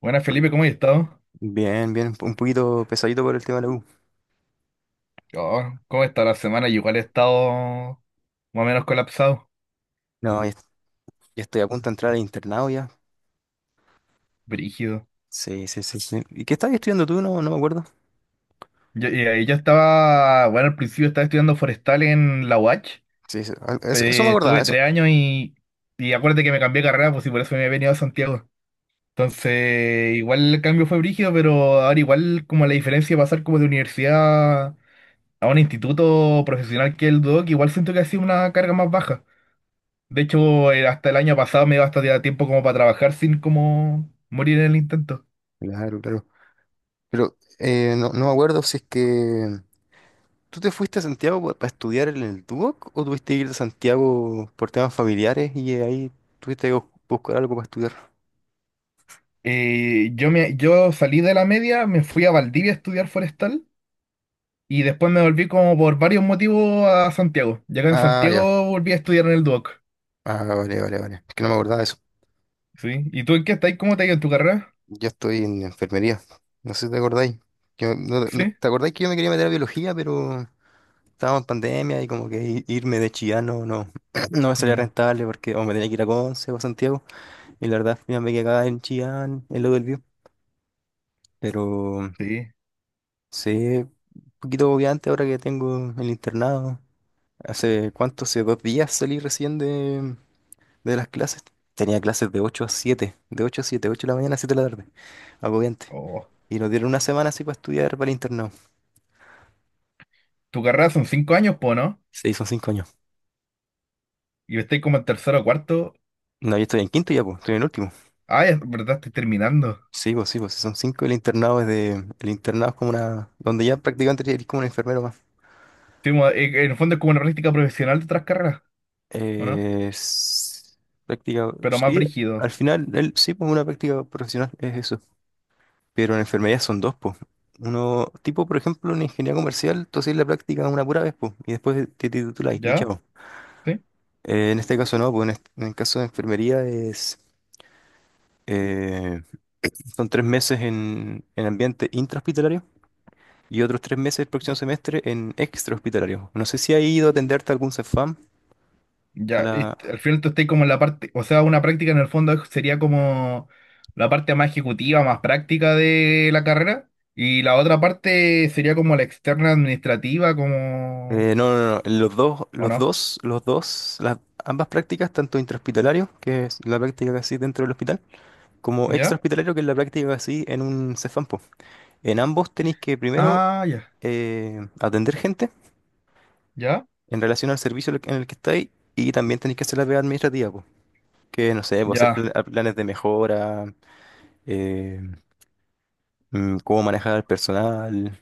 Buenas Felipe, ¿cómo has estado? Bien, bien, un poquito pesadito por el tema de la U. Oh, ¿cómo está la semana? Yo igual he estado más o menos colapsado, No, ya, ya estoy a punto de entrar al internado ya. brígido. Sí, sí, sí, sí. ¿Y qué estabas estudiando tú? No, no me acuerdo. Y ahí yo estaba, bueno, al principio estaba estudiando forestal en la UACH. Sí, sí, eso, eso me acordaba, Estuve eso. 3 años y acuérdate que me cambié de carrera, pues, y por eso me he venido a Santiago. Entonces, igual el cambio fue brígido, pero ahora igual como la diferencia de pasar como de universidad a un instituto profesional que el DOC, igual siento que ha sido una carga más baja. De hecho, hasta el año pasado me iba hasta a tiempo como para trabajar sin como morir en el intento. Claro, claro. Pero no, no me acuerdo si es que tú te fuiste a Santiago para estudiar en el Duoc o tuviste que ir a Santiago por temas familiares y ahí tuviste que buscar algo para estudiar. Yo salí de la media, me fui a Valdivia a estudiar forestal y después me volví como por varios motivos a Santiago. Y acá en Ah, ya. Santiago volví a estudiar en el Duoc. Ah, vale, vale, vale. Es que no me acordaba de eso. ¿Sí? ¿Y tú en qué estás? ¿Cómo te ha ido en tu carrera? Yo estoy en enfermería. No sé si te acordáis. Que me- no- no- ¿Sí? ¿Te acordáis que yo me quería meter a biología, pero... Estábamos en pandemia y como que irme de Chillán no me salía Mm, rentable porque o me tenía que ir a Conce o a Santiago? Y la verdad, ya me quedé acá en Chillán, en lo del Bío. Pero sí. sí, un poquito agobiante ahora que tengo el internado. ¿Hace cuánto? Hace 2 días salí recién de las clases. Tenía clases de 8 a 7, 8 de la mañana a 7 de la tarde. Agobiante. Oh. Y nos dieron una semana así para estudiar para el internado. Tu carrera son 5 años, po, ¿no? Se hizo 5 años. Y estoy como en tercero o cuarto. No, yo estoy en quinto ya, pues, estoy en el último. Ah, es verdad, estoy terminando. Sí, pues si son cinco, el internado es de... El internado es como una... donde ya prácticamente eres como un enfermero más. Sí, en el fondo es como una práctica profesional de otras carreras, ¿o no? Eh, s- Práctica... Pero más sí, brígido. al final, él, sí, pues una práctica profesional es eso. Pero en enfermería son dos, pues. Uno, tipo, por ejemplo, en ingeniería comercial, tú haces la práctica una pura vez, pues, y después te titulas y ¿Ya? chao. ¿Sí? En este caso no, pues en el caso de enfermería es... eh, son 3 meses en ambiente intrahospitalario y otros 3 meses el próximo semestre en extra hospitalario. No sé si ha ido a atenderte a algún CEFAM, a Ya, y la... al final tú estás como en la parte, o sea, una práctica en el fondo sería como la parte más ejecutiva, más práctica de la carrera, y la otra parte sería como la externa administrativa, como, no, no, no, los dos, ¿o los no? dos, los dos, ambas prácticas, tanto intrahospitalario, que es la práctica que hacéis dentro del hospital, como ¿Ya? extrahospitalario, que es la práctica que hacéis en un CEFAM, po. En ambos tenéis que primero Ah, ya, atender gente ya, en relación al servicio en el que estáis y también tenéis que hacer la pega administrativa, po, que no sé, po, hacer ya, planes de mejora, eh, cómo manejar al personal,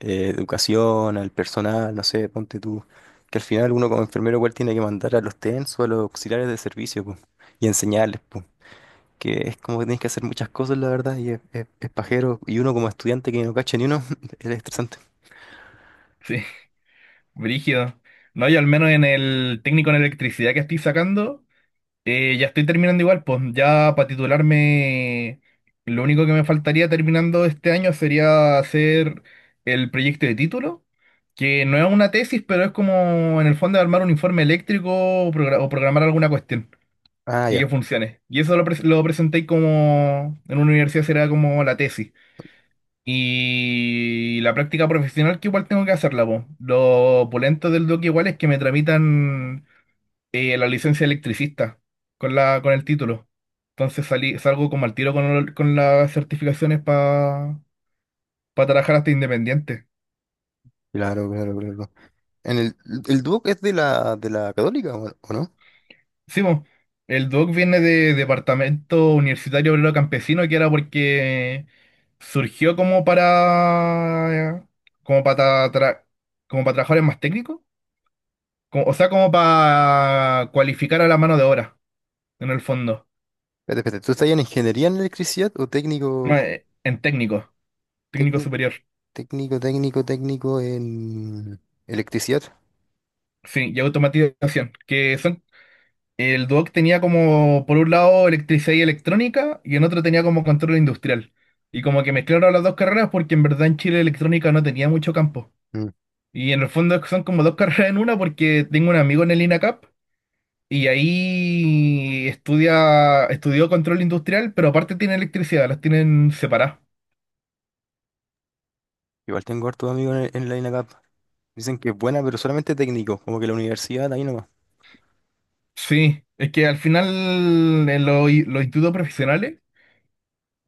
educación, al personal, no sé, ponte tú. Que al final uno como enfermero igual tiene que mandar a los TENS o a los auxiliares de servicio, po, y enseñarles, po, que es como que tienes que hacer muchas cosas, la verdad, y es pajero, y uno como estudiante que no cacha ni uno, es estresante. sí, brígido. No, yo al menos en el técnico en electricidad que estoy sacando. Ya estoy terminando igual, pues ya para titularme, lo único que me faltaría terminando este año sería hacer el proyecto de título, que no es una tesis, pero es como en el fondo armar un informe eléctrico o programar alguna cuestión Ah, y que ya, funcione. Y eso lo presenté como en una universidad será como la tesis. Y la práctica profesional que igual tengo que hacerla, pues. Lo opulento del doc igual es que me tramitan la licencia de electricista con la, con el título. Entonces salgo como al tiro con las certificaciones para trabajar hasta independiente. claro, claro, claro. En el, el Duoc es de la Católica, o no? Sí, mo, el DOC viene de Departamento Universitario Obrero Campesino, que era porque surgió como para tra- como para trabajadores más técnicos, o sea, como para cualificar a la mano de obra, en el fondo. Espérate, espérate, ¿tú estás en ingeniería en electricidad o No, en técnico técnico, superior. Técnico en electricidad? Sí, y automatización, que son. El Duoc tenía como, por un lado, electricidad y electrónica, y en otro tenía como control industrial. Y como que mezclaron las dos carreras porque en verdad en Chile electrónica no tenía mucho campo. Y en el fondo es que son como dos carreras en una porque tengo un amigo en el INACAP y ahí estudia, estudió control industrial, pero aparte tiene electricidad, las tienen separadas. Igual tengo hartos amigos en la INACAP. Dicen que es buena, pero solamente técnico, como que la universidad ahí nomás. Sí, es que al final en los institutos profesionales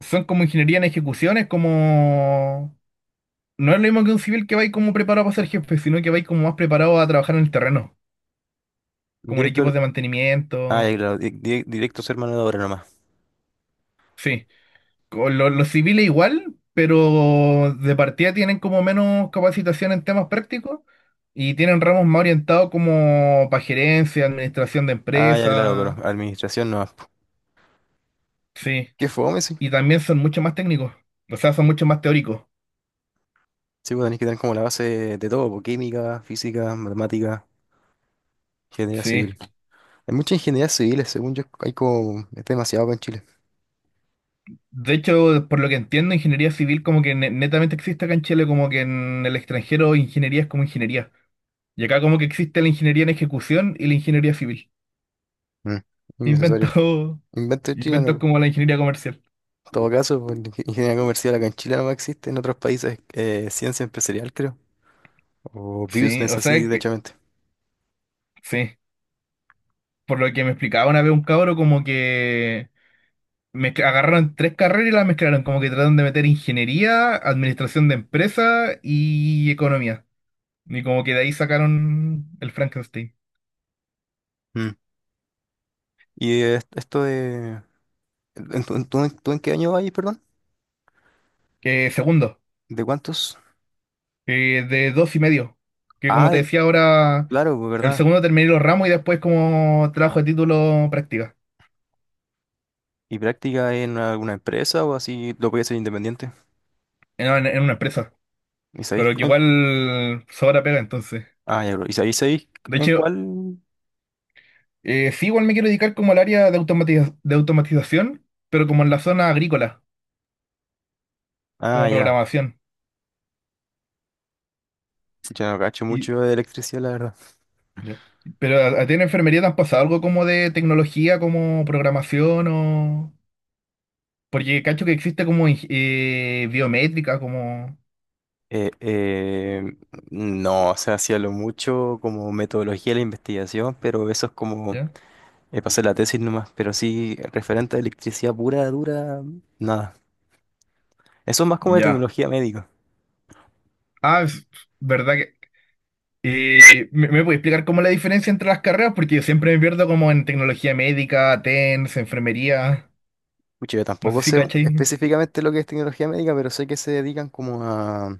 son como ingeniería en ejecuciones, como. No es lo mismo que un civil que va ahí como preparado para ser jefe, sino que va ahí como más preparado a trabajar en el terreno, como en Directo, equipos de ah, mantenimiento. ya claro, directo, ser mano de obra nomás. Sí, con los civiles igual, pero de partida tienen como menos capacitación en temas prácticos y tienen ramos más orientados como para gerencia, administración de Ah, ya claro, pero empresas. administración nomás, po. Sí, Qué fome, sí. y también son mucho más técnicos, o sea, son mucho más teóricos. Sí, pues tenés que tener como la base de todo, po, química, física, matemática, ingeniería Sí. civil. Hay muchas ingenierías civiles, según yo, hay como, es demasiado acá en Chile. De hecho, por lo que entiendo, ingeniería civil como que netamente existe acá en Chile, como que en el extranjero ingeniería es como ingeniería. Y acá como que existe la ingeniería en ejecución y la ingeniería civil. Mm, innecesario. Invento, Invento chileno, inventos po. como la ingeniería comercial. En todo caso, pues, la ingeniería comercial acá en Chile no existe, en otros países ciencia empresarial, creo. O Sí, business, o así, sea, derechamente. sí. Por lo que me explicaba una vez un cabro, como que agarraron tres carreras y las mezclaron, como que trataron de meter ingeniería, administración de empresa y economía. Y como que de ahí sacaron el Frankenstein. Mm. Y esto de... ¿Tú en qué año vas, perdón? Que segundo, ¿De cuántos? que de dos y medio. Que como Ah, te decía ahora, claro, pues el verdad. segundo terminé los ramos y después como trabajo de título práctica. ¿Y práctica en alguna empresa o así lo podías hacer independiente? No, en una empresa, ¿Y sabéis pero que en... igual sobra pega entonces. Ah, ya, bro. ¿Y sabéis De en hecho, cuál? Sí, igual me quiero dedicar como al área de de automatización, pero como en la zona agrícola, como Ah, ya. programación. Yo no cacho Y, mucho de electricidad, la verdad. ya. Pero a ti en enfermería te han pasado algo como de tecnología, como programación o... Porque cacho que existe como biométrica, como... Eh, eh, no, o sea, hacía lo mucho como metodología de la investigación, pero eso es como... ¿Ya? Pasé la tesis nomás, pero sí, referente a electricidad pura, dura, nada. Eso es más como de Ya. tecnología médica. Ah, es verdad. Y me puede explicar cómo la diferencia entre las carreras, porque yo siempre me pierdo como en tecnología médica, TENS, enfermería, Pucha, yo no sé tampoco si sé cachai. específicamente lo que es tecnología médica, pero sé que se dedican como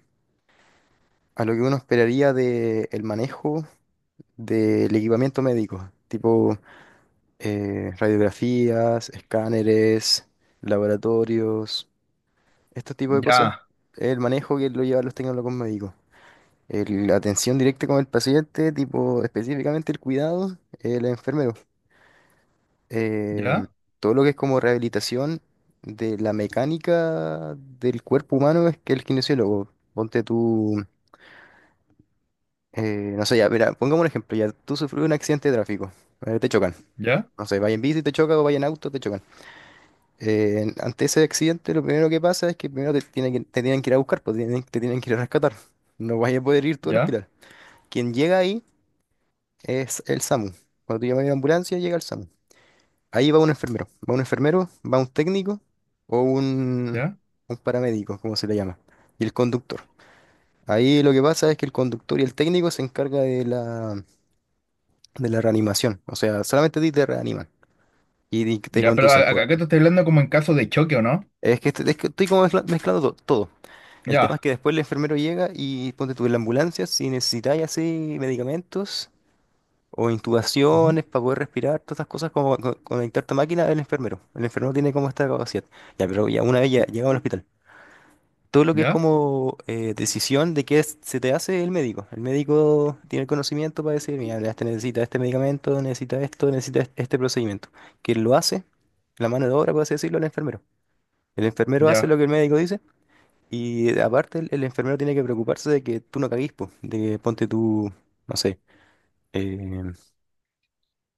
a lo que uno esperaría de el manejo del equipamiento médico, tipo radiografías, escáneres, laboratorios, este tipo de cosas. Ya, El manejo que lo llevan los tecnólogos médicos. La atención directa con el paciente, tipo específicamente el cuidado, el enfermero. eh, ya, Todo lo que es como rehabilitación de la mecánica del cuerpo humano es que el kinesiólogo. Ponte tú, no sé, ya, mira, pongamos un ejemplo, ya tú sufres un accidente de tráfico, te chocan. ya, No sé, vaya en bici, te choca o vaya en auto, te chocan. Ante ese accidente, lo primero que pasa es que primero te tienen que ir a buscar, pues, te tienen que ir a rescatar. No vas a poder ir tú al ya, hospital. Quien llega ahí es el SAMU. Cuando tú llamas a la ambulancia, llega el SAMU. Ahí va un enfermero, va un técnico o ya, un paramédico, como se le llama, y el conductor. Ahí lo que pasa es que el conductor y el técnico se encarga de la reanimación, o sea, solamente a ti te reaniman y te ya, pero conducen, po. acá te estoy hablando como en caso de choque, ¿o no? Es que estoy como mezclando todo. El tema es Ya, que después el enfermero llega y ponte tú en la ambulancia si necesitáis así medicamentos, o ujú, intubaciones para poder respirar, todas estas cosas como conectarte a máquina, el enfermero. El enfermero tiene como esta capacidad. Ya, pero ya una vez ya llegamos al hospital. Todo lo que es ya, como decisión de qué se te hace, el médico. El médico tiene el conocimiento para decir, mira, este necesita este medicamento, necesita esto, necesita este procedimiento. Que lo hace, la mano de obra, por así decirlo, el enfermero. El enfermero hace ya. lo que el médico dice y aparte el enfermero tiene que preocuparse de que tú no caguís, po, de que ponte tú, no sé, eh,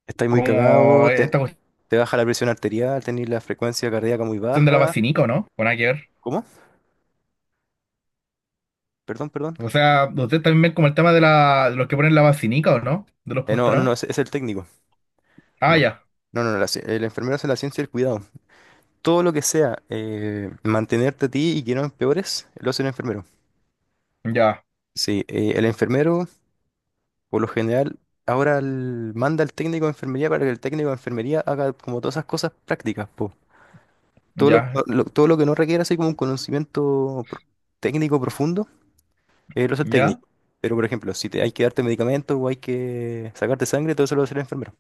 estáis muy Como cagados, esta te baja la presión arterial, tenéis la frecuencia cardíaca muy cuestión de la baja. vacinica, ¿o no? Con ayer. ¿Cómo? Perdón, perdón. O sea, ustedes también ven como el tema de, la, de los que ponen la vacinica, ¿o no? De los No, no, postrados. no, es el técnico. Ah, No. ya, No, no, no, el enfermero hace la ciencia del cuidado. Todo lo que sea mantenerte a ti y que no empeores, lo hace el enfermero. ya, Sí, el enfermero, por lo general, ahora manda al técnico de enfermería para que el técnico de enfermería haga como todas esas cosas prácticas, po. Todo lo, ya, lo- todo lo que no requiera así como un conocimiento técnico profundo, él es el ya, técnico. Pero, por ejemplo, si te, hay que darte medicamentos o hay que sacarte sangre, todo eso lo va a hacer el enfermero.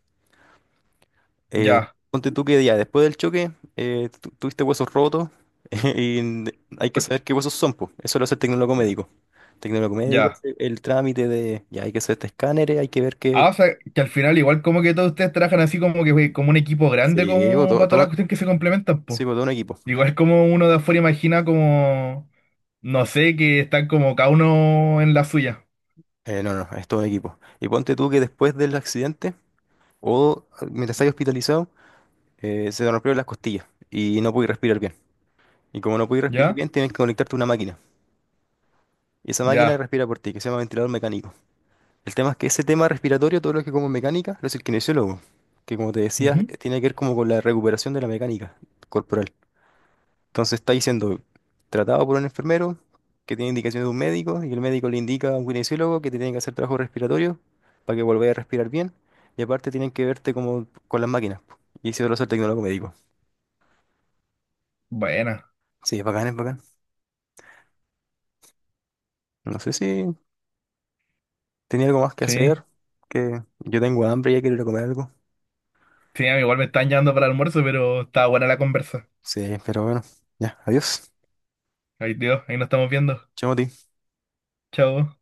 Eh, ya, Ponte tú que ya después del choque tuviste huesos rotos y hay que per- saber qué huesos son, pues. Eso lo hace el tecnólogo ya, médico. Tecnólogo médico, ya. hace el trámite de ya hay que hacer este escáner, hay que ver Ah, qué. o sea, que al final igual como que todos ustedes trabajan así como que como un equipo grande Sí, po, como para toda la cuestión que se complementan, pues. sí, po, todo un equipo. Igual como uno de afuera imagina como, no sé, que están como cada uno en la suya. No, no, es todo un equipo. Y ponte tú que después del accidente o mientras estás hospitalizado, se te rompieron las costillas y no puedes respirar bien. Y como no puedes respirar ¿Ya? bien, tienes que conectarte a una máquina. Y esa máquina Ya. respira por ti, que se llama ventilador mecánico. El tema es que ese tema respiratorio, todo lo que como mecánica, lo es el kinesiólogo, que como te decía, Ujú. Tiene que ver como con la recuperación de la mecánica corporal. Entonces está siendo tratado por un enfermero que tiene indicaciones de un médico, y el médico le indica a un kinesiólogo que te tiene que hacer trabajo respiratorio para que vuelvas a respirar bien. Y aparte tienen que verte como con las máquinas. Y eso lo hace el tecnólogo médico. Buena. Sí, es bacán, es bacán. No sé si tenía algo más que Sí. hacer, que yo tengo hambre y ya quiero ir a comer algo. Sí, a mí igual me están llamando para el almuerzo, pero está buena la conversa. Sí, pero bueno, ya, adiós. Ahí, Dios, ahí nos estamos viendo. Chao, Mati. Chao.